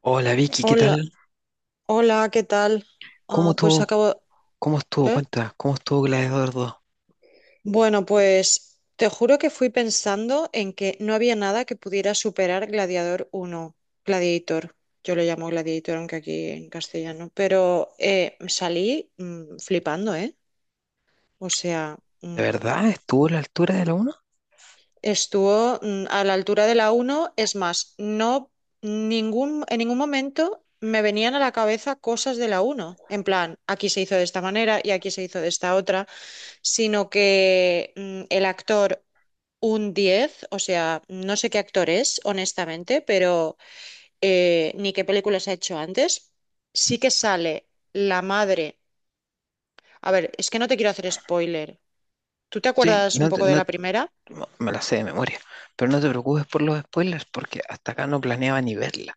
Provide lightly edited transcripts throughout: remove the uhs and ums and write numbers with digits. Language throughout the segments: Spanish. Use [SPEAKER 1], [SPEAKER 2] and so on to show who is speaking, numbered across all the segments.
[SPEAKER 1] Hola Vicky, ¿qué
[SPEAKER 2] Hola,
[SPEAKER 1] tal?
[SPEAKER 2] hola, ¿qué tal?
[SPEAKER 1] ¿Cómo
[SPEAKER 2] Ah, pues
[SPEAKER 1] estuvo?
[SPEAKER 2] acabo.
[SPEAKER 1] ¿Cómo estuvo?
[SPEAKER 2] ¿Eh?
[SPEAKER 1] Cuenta, ¿cómo estuvo Gladiador dos?
[SPEAKER 2] Bueno, pues te juro que fui pensando en que no había nada que pudiera superar Gladiador uno, Gladiator. Yo lo llamo Gladiator, aunque aquí en castellano. Pero salí flipando, ¿eh? O sea,
[SPEAKER 1] ¿De verdad estuvo a la altura de la uno?
[SPEAKER 2] estuvo a la altura de la uno. Es más, no en ningún momento me venían a la cabeza cosas de la uno. En plan, aquí se hizo de esta manera y aquí se hizo de esta otra, sino que el actor un 10, o sea, no sé qué actor es, honestamente, pero ni qué películas ha hecho antes. Sí que sale la madre. A ver, es que no te quiero hacer spoiler. ¿Tú te
[SPEAKER 1] Sí,
[SPEAKER 2] acuerdas un
[SPEAKER 1] no, te-
[SPEAKER 2] poco de
[SPEAKER 1] no
[SPEAKER 2] la primera?
[SPEAKER 1] no, me la sé de memoria, pero no te preocupes por los spoilers porque hasta acá no planeaba ni verla,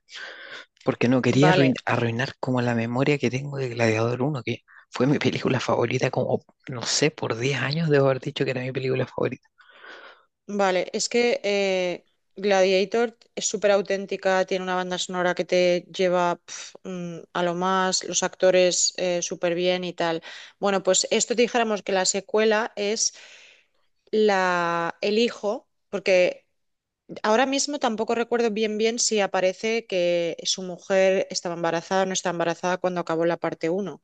[SPEAKER 1] porque no quería
[SPEAKER 2] Vale,
[SPEAKER 1] arruinar como la memoria que tengo de Gladiador uno, que fue mi película favorita como, no sé, por 10 años debo haber dicho que era mi película favorita.
[SPEAKER 2] vale. Es que Gladiator es súper auténtica, tiene una banda sonora que te lleva pf, a lo más, los actores súper bien y tal. Bueno, pues esto dijéramos que la secuela es la elijo, porque ahora mismo tampoco recuerdo bien si aparece que su mujer estaba embarazada o no estaba embarazada cuando acabó la parte uno,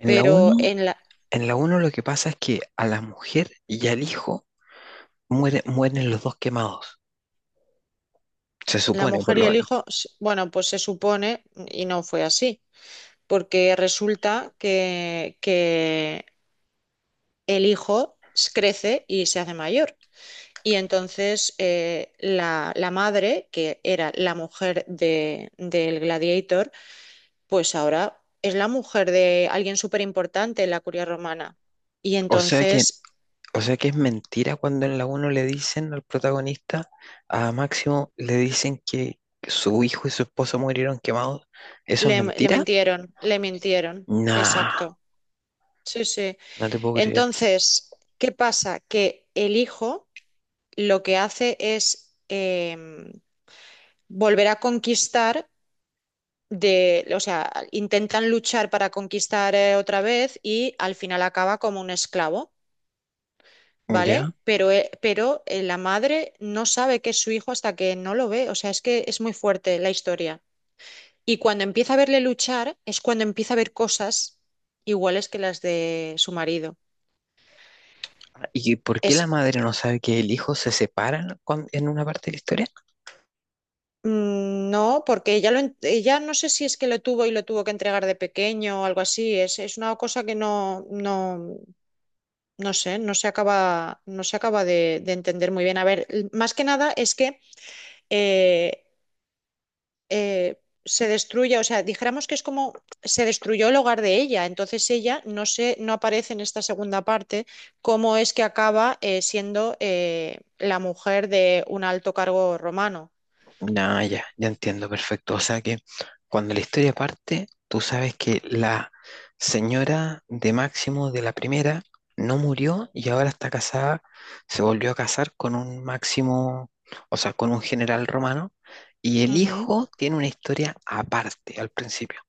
[SPEAKER 1] En la
[SPEAKER 2] pero
[SPEAKER 1] uno,
[SPEAKER 2] en la,
[SPEAKER 1] en la uno lo que pasa es que a la mujer y al hijo mueren los dos quemados, se
[SPEAKER 2] la
[SPEAKER 1] supone por
[SPEAKER 2] mujer y
[SPEAKER 1] lo
[SPEAKER 2] el
[SPEAKER 1] menos.
[SPEAKER 2] hijo, bueno, pues se supone, y no fue así, porque resulta que el hijo crece y se hace mayor. Y entonces la madre, que era la mujer del gladiator, pues ahora es la mujer de alguien súper importante en la curia romana. Y
[SPEAKER 1] O sea que,
[SPEAKER 2] entonces
[SPEAKER 1] o sea que es mentira cuando en la uno le dicen al protagonista, a Máximo, le dicen que su hijo y su esposa murieron quemados. ¿Eso es
[SPEAKER 2] le
[SPEAKER 1] mentira?
[SPEAKER 2] mintieron, le mintieron.
[SPEAKER 1] Nah,
[SPEAKER 2] Exacto. Sí, sí.
[SPEAKER 1] no te puedo creer.
[SPEAKER 2] Entonces, ¿qué pasa? Que el hijo lo que hace es volver a conquistar de, o sea, intentan luchar para conquistar otra vez y al final acaba como un esclavo.
[SPEAKER 1] ¿Ya?
[SPEAKER 2] ¿Vale? Pero, la madre no sabe que es su hijo hasta que no lo ve. O sea, es que es muy fuerte la historia. Y cuando empieza a verle luchar, es cuando empieza a ver cosas iguales que las de su marido.
[SPEAKER 1] ¿Y por qué la
[SPEAKER 2] Es.
[SPEAKER 1] madre no sabe que el hijo se separan en una parte de la historia?
[SPEAKER 2] No, porque ella, ella no sé si es que lo tuvo y lo tuvo que entregar de pequeño o algo así. Es una cosa que no sé, no se acaba de entender muy bien. A ver, más que nada es que eh, se destruya, o sea, dijéramos que es como se destruyó el hogar de ella, entonces ella no se, no aparece en esta segunda parte cómo es que acaba siendo la mujer de un alto cargo romano.
[SPEAKER 1] No, ya, ya entiendo, perfecto. O sea que cuando la historia parte, tú sabes que la señora de Máximo de la primera no murió y ahora está casada, se volvió a casar con un Máximo, o sea, con un general romano, y el
[SPEAKER 2] Ujú.
[SPEAKER 1] hijo tiene una historia aparte al principio.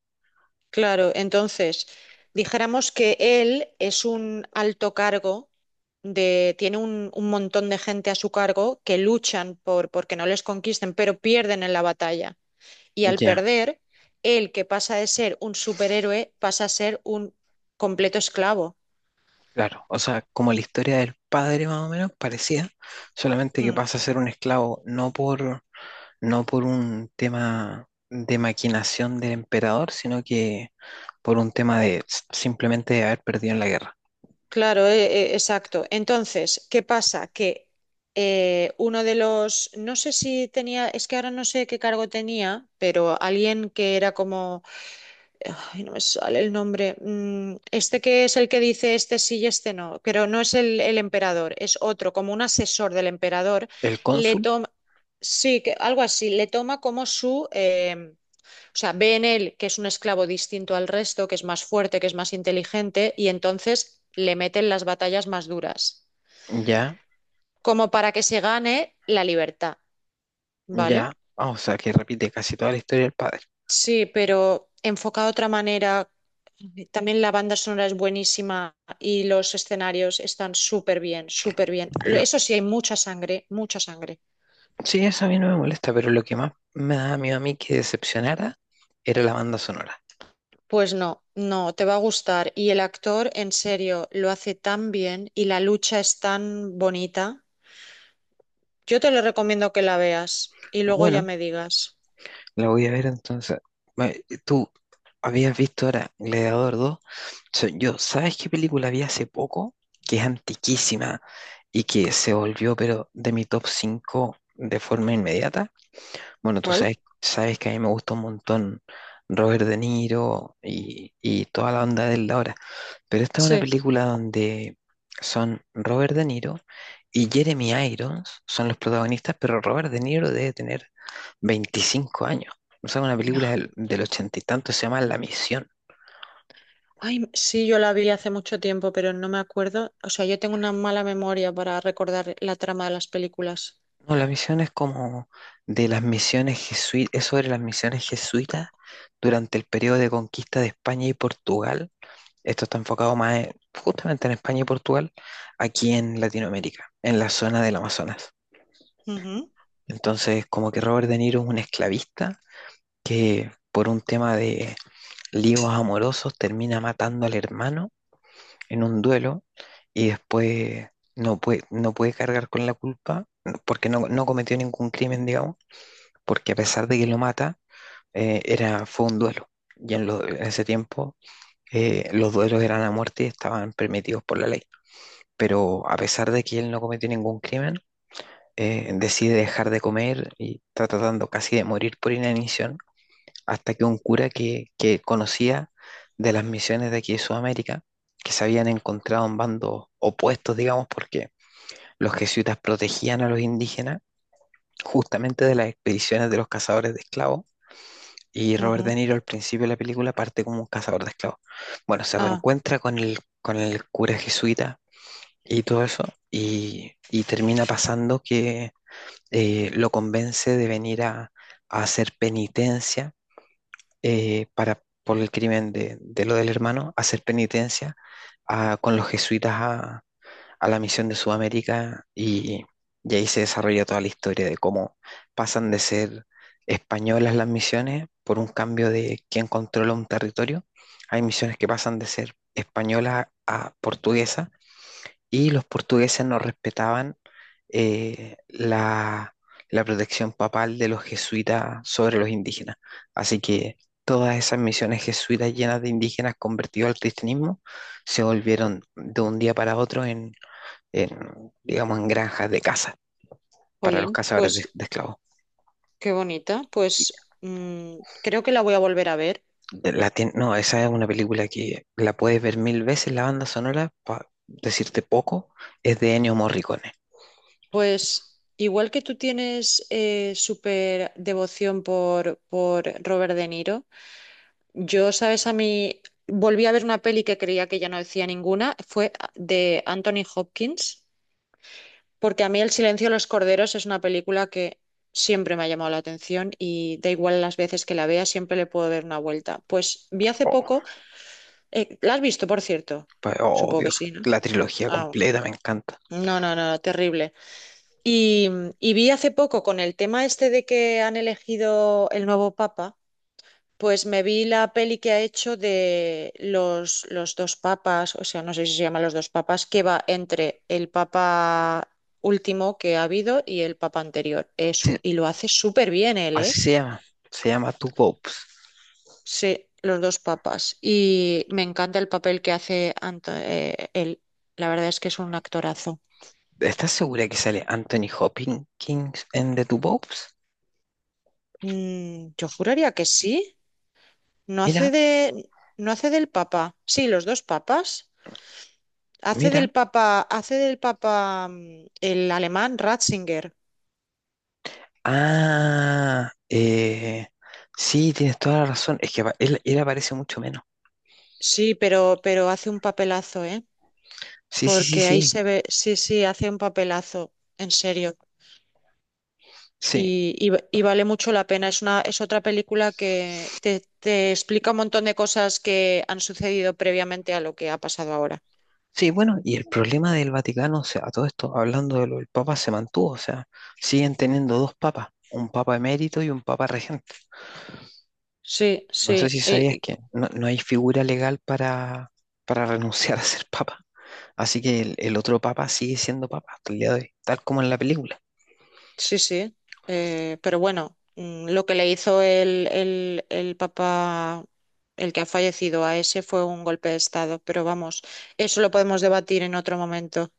[SPEAKER 2] Claro, entonces dijéramos que él es un alto cargo de, tiene un montón de gente a su cargo que luchan por porque no les conquisten, pero pierden en la batalla, y al
[SPEAKER 1] Ya,
[SPEAKER 2] perder, él que pasa de ser un superhéroe pasa a ser un completo esclavo.
[SPEAKER 1] claro. O sea, como la historia del padre más o menos parecía, solamente que
[SPEAKER 2] Mm,
[SPEAKER 1] pasa a ser un esclavo no por un tema de maquinación del emperador, sino que por un tema de simplemente de haber perdido en la guerra.
[SPEAKER 2] claro, exacto. Entonces, ¿qué pasa? Que uno de los, no sé si tenía, es que ahora no sé qué cargo tenía, pero alguien que era como, ay, no me sale el nombre, este que es el que dice este sí y este no, pero no es el emperador, es otro, como un asesor del emperador,
[SPEAKER 1] El
[SPEAKER 2] le
[SPEAKER 1] cónsul,
[SPEAKER 2] toma, sí, que, algo así, le toma como su... O sea, ve en él que es un esclavo distinto al resto, que es más fuerte, que es más inteligente, y entonces le meten las batallas más duras,
[SPEAKER 1] ya,
[SPEAKER 2] como para que se gane la libertad, ¿vale?
[SPEAKER 1] ya, ah, o sea, que repite casi toda la historia del padre.
[SPEAKER 2] Sí, pero enfocado de otra manera, también la banda sonora es buenísima y los escenarios están súper bien, súper bien.
[SPEAKER 1] Lo-
[SPEAKER 2] Eso sí, hay mucha sangre, mucha sangre.
[SPEAKER 1] sí, eso a mí no me molesta, pero lo que más me daba miedo a mí que decepcionara era la banda sonora.
[SPEAKER 2] Pues no, no, te va a gustar. Y el actor, en serio, lo hace tan bien y la lucha es tan bonita. Yo te lo recomiendo que la veas y luego ya
[SPEAKER 1] Bueno,
[SPEAKER 2] me digas.
[SPEAKER 1] la voy a ver entonces. Ma- Tú habías visto ahora Gladiador dos. Yo, ¿sabes qué película vi hace poco? Que es antiquísima y que se volvió, pero de mi top 5 de forma inmediata. Bueno, tú
[SPEAKER 2] ¿Cuál?
[SPEAKER 1] sabes, que a mí me gusta un montón Robert De Niro y toda la onda de él ahora. Pero esta es una
[SPEAKER 2] Sí.
[SPEAKER 1] película donde son Robert De Niro y Jeremy Irons son los protagonistas, pero Robert De Niro debe tener 25 años. O sea, una película del ochenta y tanto, se llama La Misión.
[SPEAKER 2] Ay, sí, yo la vi hace mucho tiempo, pero no me acuerdo. O sea, yo tengo una mala memoria para recordar la trama de las películas.
[SPEAKER 1] No, La Misión es como de las misiones jesuitas, es sobre las misiones jesuitas durante el periodo de conquista de España y Portugal. Esto está enfocado más justamente en España y Portugal, aquí en Latinoamérica, en la zona del Amazonas. Entonces, como que Robert De Niro es un esclavista que por un tema de líos amorosos termina matando al hermano en un duelo y después no puede cargar con la culpa porque no cometió ningún crimen, digamos, porque a pesar de que lo mata, era, fue un duelo. En ese tiempo, los duelos eran a muerte y estaban permitidos por la ley. Pero a pesar de que él no cometió ningún crimen, decide dejar de comer y está tratando casi de morir por inanición hasta que un cura que conocía de las misiones de aquí de Sudamérica, que se habían encontrado en bandos opuestos, digamos, porque los jesuitas protegían a los indígenas justamente de las expediciones de los cazadores de esclavos. Y
[SPEAKER 2] Ujú,
[SPEAKER 1] Robert
[SPEAKER 2] ujú.
[SPEAKER 1] De Niro al principio de la película parte como un cazador de esclavos. Bueno, se
[SPEAKER 2] Ah,
[SPEAKER 1] reencuentra con con el cura jesuita y todo eso, y termina pasando que lo convence de venir a hacer penitencia, por el crimen de lo del hermano, hacer penitencia con los jesuitas a la misión de Sudamérica, y ahí se desarrolla toda la historia de cómo pasan de ser españolas las misiones por un cambio de quién controla un territorio. Hay misiones que pasan de ser españolas a portuguesas y los portugueses no respetaban, eh, la, la protección papal de los jesuitas sobre los indígenas. Así que todas esas misiones jesuitas llenas de indígenas convertidos al cristianismo se volvieron de un día para otro digamos, en granjas de caza para los
[SPEAKER 2] jolín,
[SPEAKER 1] cazadores de,
[SPEAKER 2] pues
[SPEAKER 1] de esclavos.
[SPEAKER 2] qué bonita.
[SPEAKER 1] Y
[SPEAKER 2] Pues creo que la voy a volver a ver.
[SPEAKER 1] no, esa es una película que la puedes ver mil veces. La banda sonora, para decirte poco, es de Ennio Morricone.
[SPEAKER 2] Pues igual que tú tienes súper devoción por Robert De Niro. Yo, sabes, a mí volví a ver una peli que creía que ya no decía ninguna, fue de Anthony Hopkins, porque a mí El silencio de los corderos es una película que siempre me ha llamado la atención y da igual las veces que la vea, siempre le puedo dar una vuelta. Pues vi hace poco, ¿la has visto, por cierto?
[SPEAKER 1] Oh,
[SPEAKER 2] Supongo que sí, ¿no?
[SPEAKER 1] la trilogía
[SPEAKER 2] Ah,
[SPEAKER 1] completa me encanta.
[SPEAKER 2] no, no, no, terrible. Y, y vi hace poco con el tema este de que han elegido el nuevo papa. Pues me vi la peli que ha hecho de los dos papas, o sea, no sé si se llama los dos papas, que va entre el papa último que ha habido y el papa anterior.
[SPEAKER 1] Así,
[SPEAKER 2] Y lo hace súper bien él,
[SPEAKER 1] así
[SPEAKER 2] ¿eh?
[SPEAKER 1] se llama, se llama Two Popes.
[SPEAKER 2] Sí, los dos papas. Y me encanta el papel que hace él. La verdad es que es un actorazo.
[SPEAKER 1] ¿Estás segura que sale Anthony Hopkins en The Two Popes?
[SPEAKER 2] Yo juraría que sí. No hace
[SPEAKER 1] Mira,
[SPEAKER 2] de, no hace del papa. Sí, los dos papas.
[SPEAKER 1] mira.
[SPEAKER 2] Hace del papa el alemán Ratzinger.
[SPEAKER 1] Ah, sí, tienes toda la razón. Es que él aparece mucho menos.
[SPEAKER 2] Sí, pero hace un papelazo, ¿eh?
[SPEAKER 1] Sí, sí, sí,
[SPEAKER 2] Porque ahí
[SPEAKER 1] sí.
[SPEAKER 2] se ve, sí, sí, hace un papelazo, en serio.
[SPEAKER 1] Sí,
[SPEAKER 2] Y, y- y vale mucho la pena. Es una, es otra película que te explica un montón de cosas que han sucedido previamente a lo que ha pasado ahora.
[SPEAKER 1] sí, bueno, y el problema del Vaticano, o sea, a todo esto, hablando de lo del Papa, se mantuvo. O sea, siguen teniendo dos papas, un Papa emérito y un Papa regente.
[SPEAKER 2] Sí,
[SPEAKER 1] No sé
[SPEAKER 2] sí.
[SPEAKER 1] si sabías que no hay figura legal para renunciar a ser papa. Así que el otro papa sigue siendo papa hasta el día de hoy, tal como en la película.
[SPEAKER 2] Sí, sí, pero bueno, lo que le hizo el papa, el que ha fallecido a ese, fue un golpe de estado, pero vamos, eso lo podemos debatir en otro momento.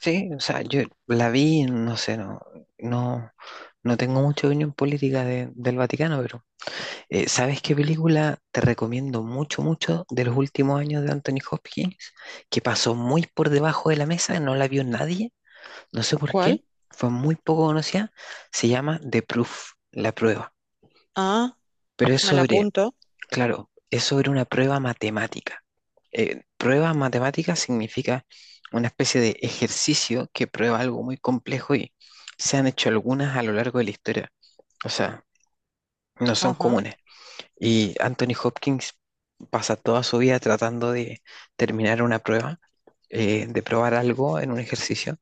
[SPEAKER 1] Sí, o sea, yo la vi, no sé, no, no tengo mucha opinión política del Vaticano, pero ¿sabes qué película te recomiendo mucho, mucho de los últimos años de Anthony Hopkins? Que pasó muy por debajo de la mesa, no la vio nadie, no sé por qué,
[SPEAKER 2] ¿Cuál?
[SPEAKER 1] fue muy poco conocida, se llama The Proof, La Prueba.
[SPEAKER 2] Ah,
[SPEAKER 1] Pero
[SPEAKER 2] pues
[SPEAKER 1] es
[SPEAKER 2] me la
[SPEAKER 1] sobre,
[SPEAKER 2] apunto.
[SPEAKER 1] claro, es sobre una prueba matemática. Prueba matemática significa una especie de ejercicio que prueba algo muy complejo y se han hecho algunas a lo largo de la historia. O sea, no son
[SPEAKER 2] Ajá.
[SPEAKER 1] comunes. Y Anthony Hopkins pasa toda su vida tratando de terminar una prueba, de probar algo en un ejercicio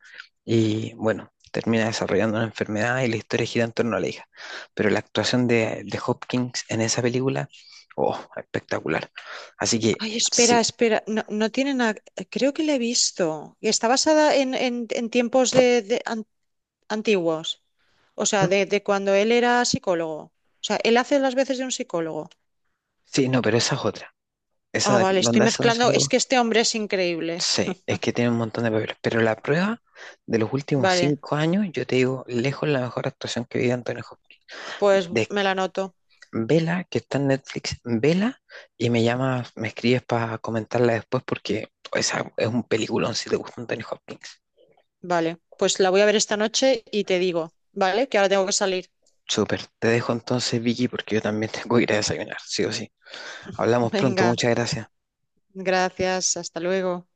[SPEAKER 1] y bueno, termina desarrollando una enfermedad y la historia gira en torno a la hija. Pero la actuación de Hopkins en esa película, oh, espectacular. Así que
[SPEAKER 2] Ay, espera,
[SPEAKER 1] sí,
[SPEAKER 2] espera, no, no tiene nada, creo que la he visto. Y está basada en tiempos de, antiguos, o sea,
[SPEAKER 1] ¿no?
[SPEAKER 2] de cuando él era psicólogo. O sea, él hace las veces de un psicólogo.
[SPEAKER 1] Sí, no, pero esa es otra.
[SPEAKER 2] Ah,
[SPEAKER 1] Esa
[SPEAKER 2] vale, estoy
[SPEAKER 1] donde hace un
[SPEAKER 2] mezclando, es
[SPEAKER 1] psicólogo,
[SPEAKER 2] que este hombre es increíble.
[SPEAKER 1] sí, es que tiene un montón de papeles. Pero La Prueba, de los últimos
[SPEAKER 2] Vale,
[SPEAKER 1] 5 años, yo te digo, lejos la mejor actuación que vi de Anthony Hopkins.
[SPEAKER 2] pues
[SPEAKER 1] De
[SPEAKER 2] me la anoto.
[SPEAKER 1] vela, que está en Netflix, vela, y me llamas, me escribes para comentarla después porque esa es un peliculón si te gusta Anthony Hopkins.
[SPEAKER 2] Vale, pues la voy a ver esta noche y te digo, ¿vale? Que ahora tengo que salir.
[SPEAKER 1] Súper, te dejo entonces Vicky porque yo también tengo que ir a desayunar, sí o sí. Hablamos pronto,
[SPEAKER 2] Venga,
[SPEAKER 1] muchas gracias.
[SPEAKER 2] gracias, hasta luego.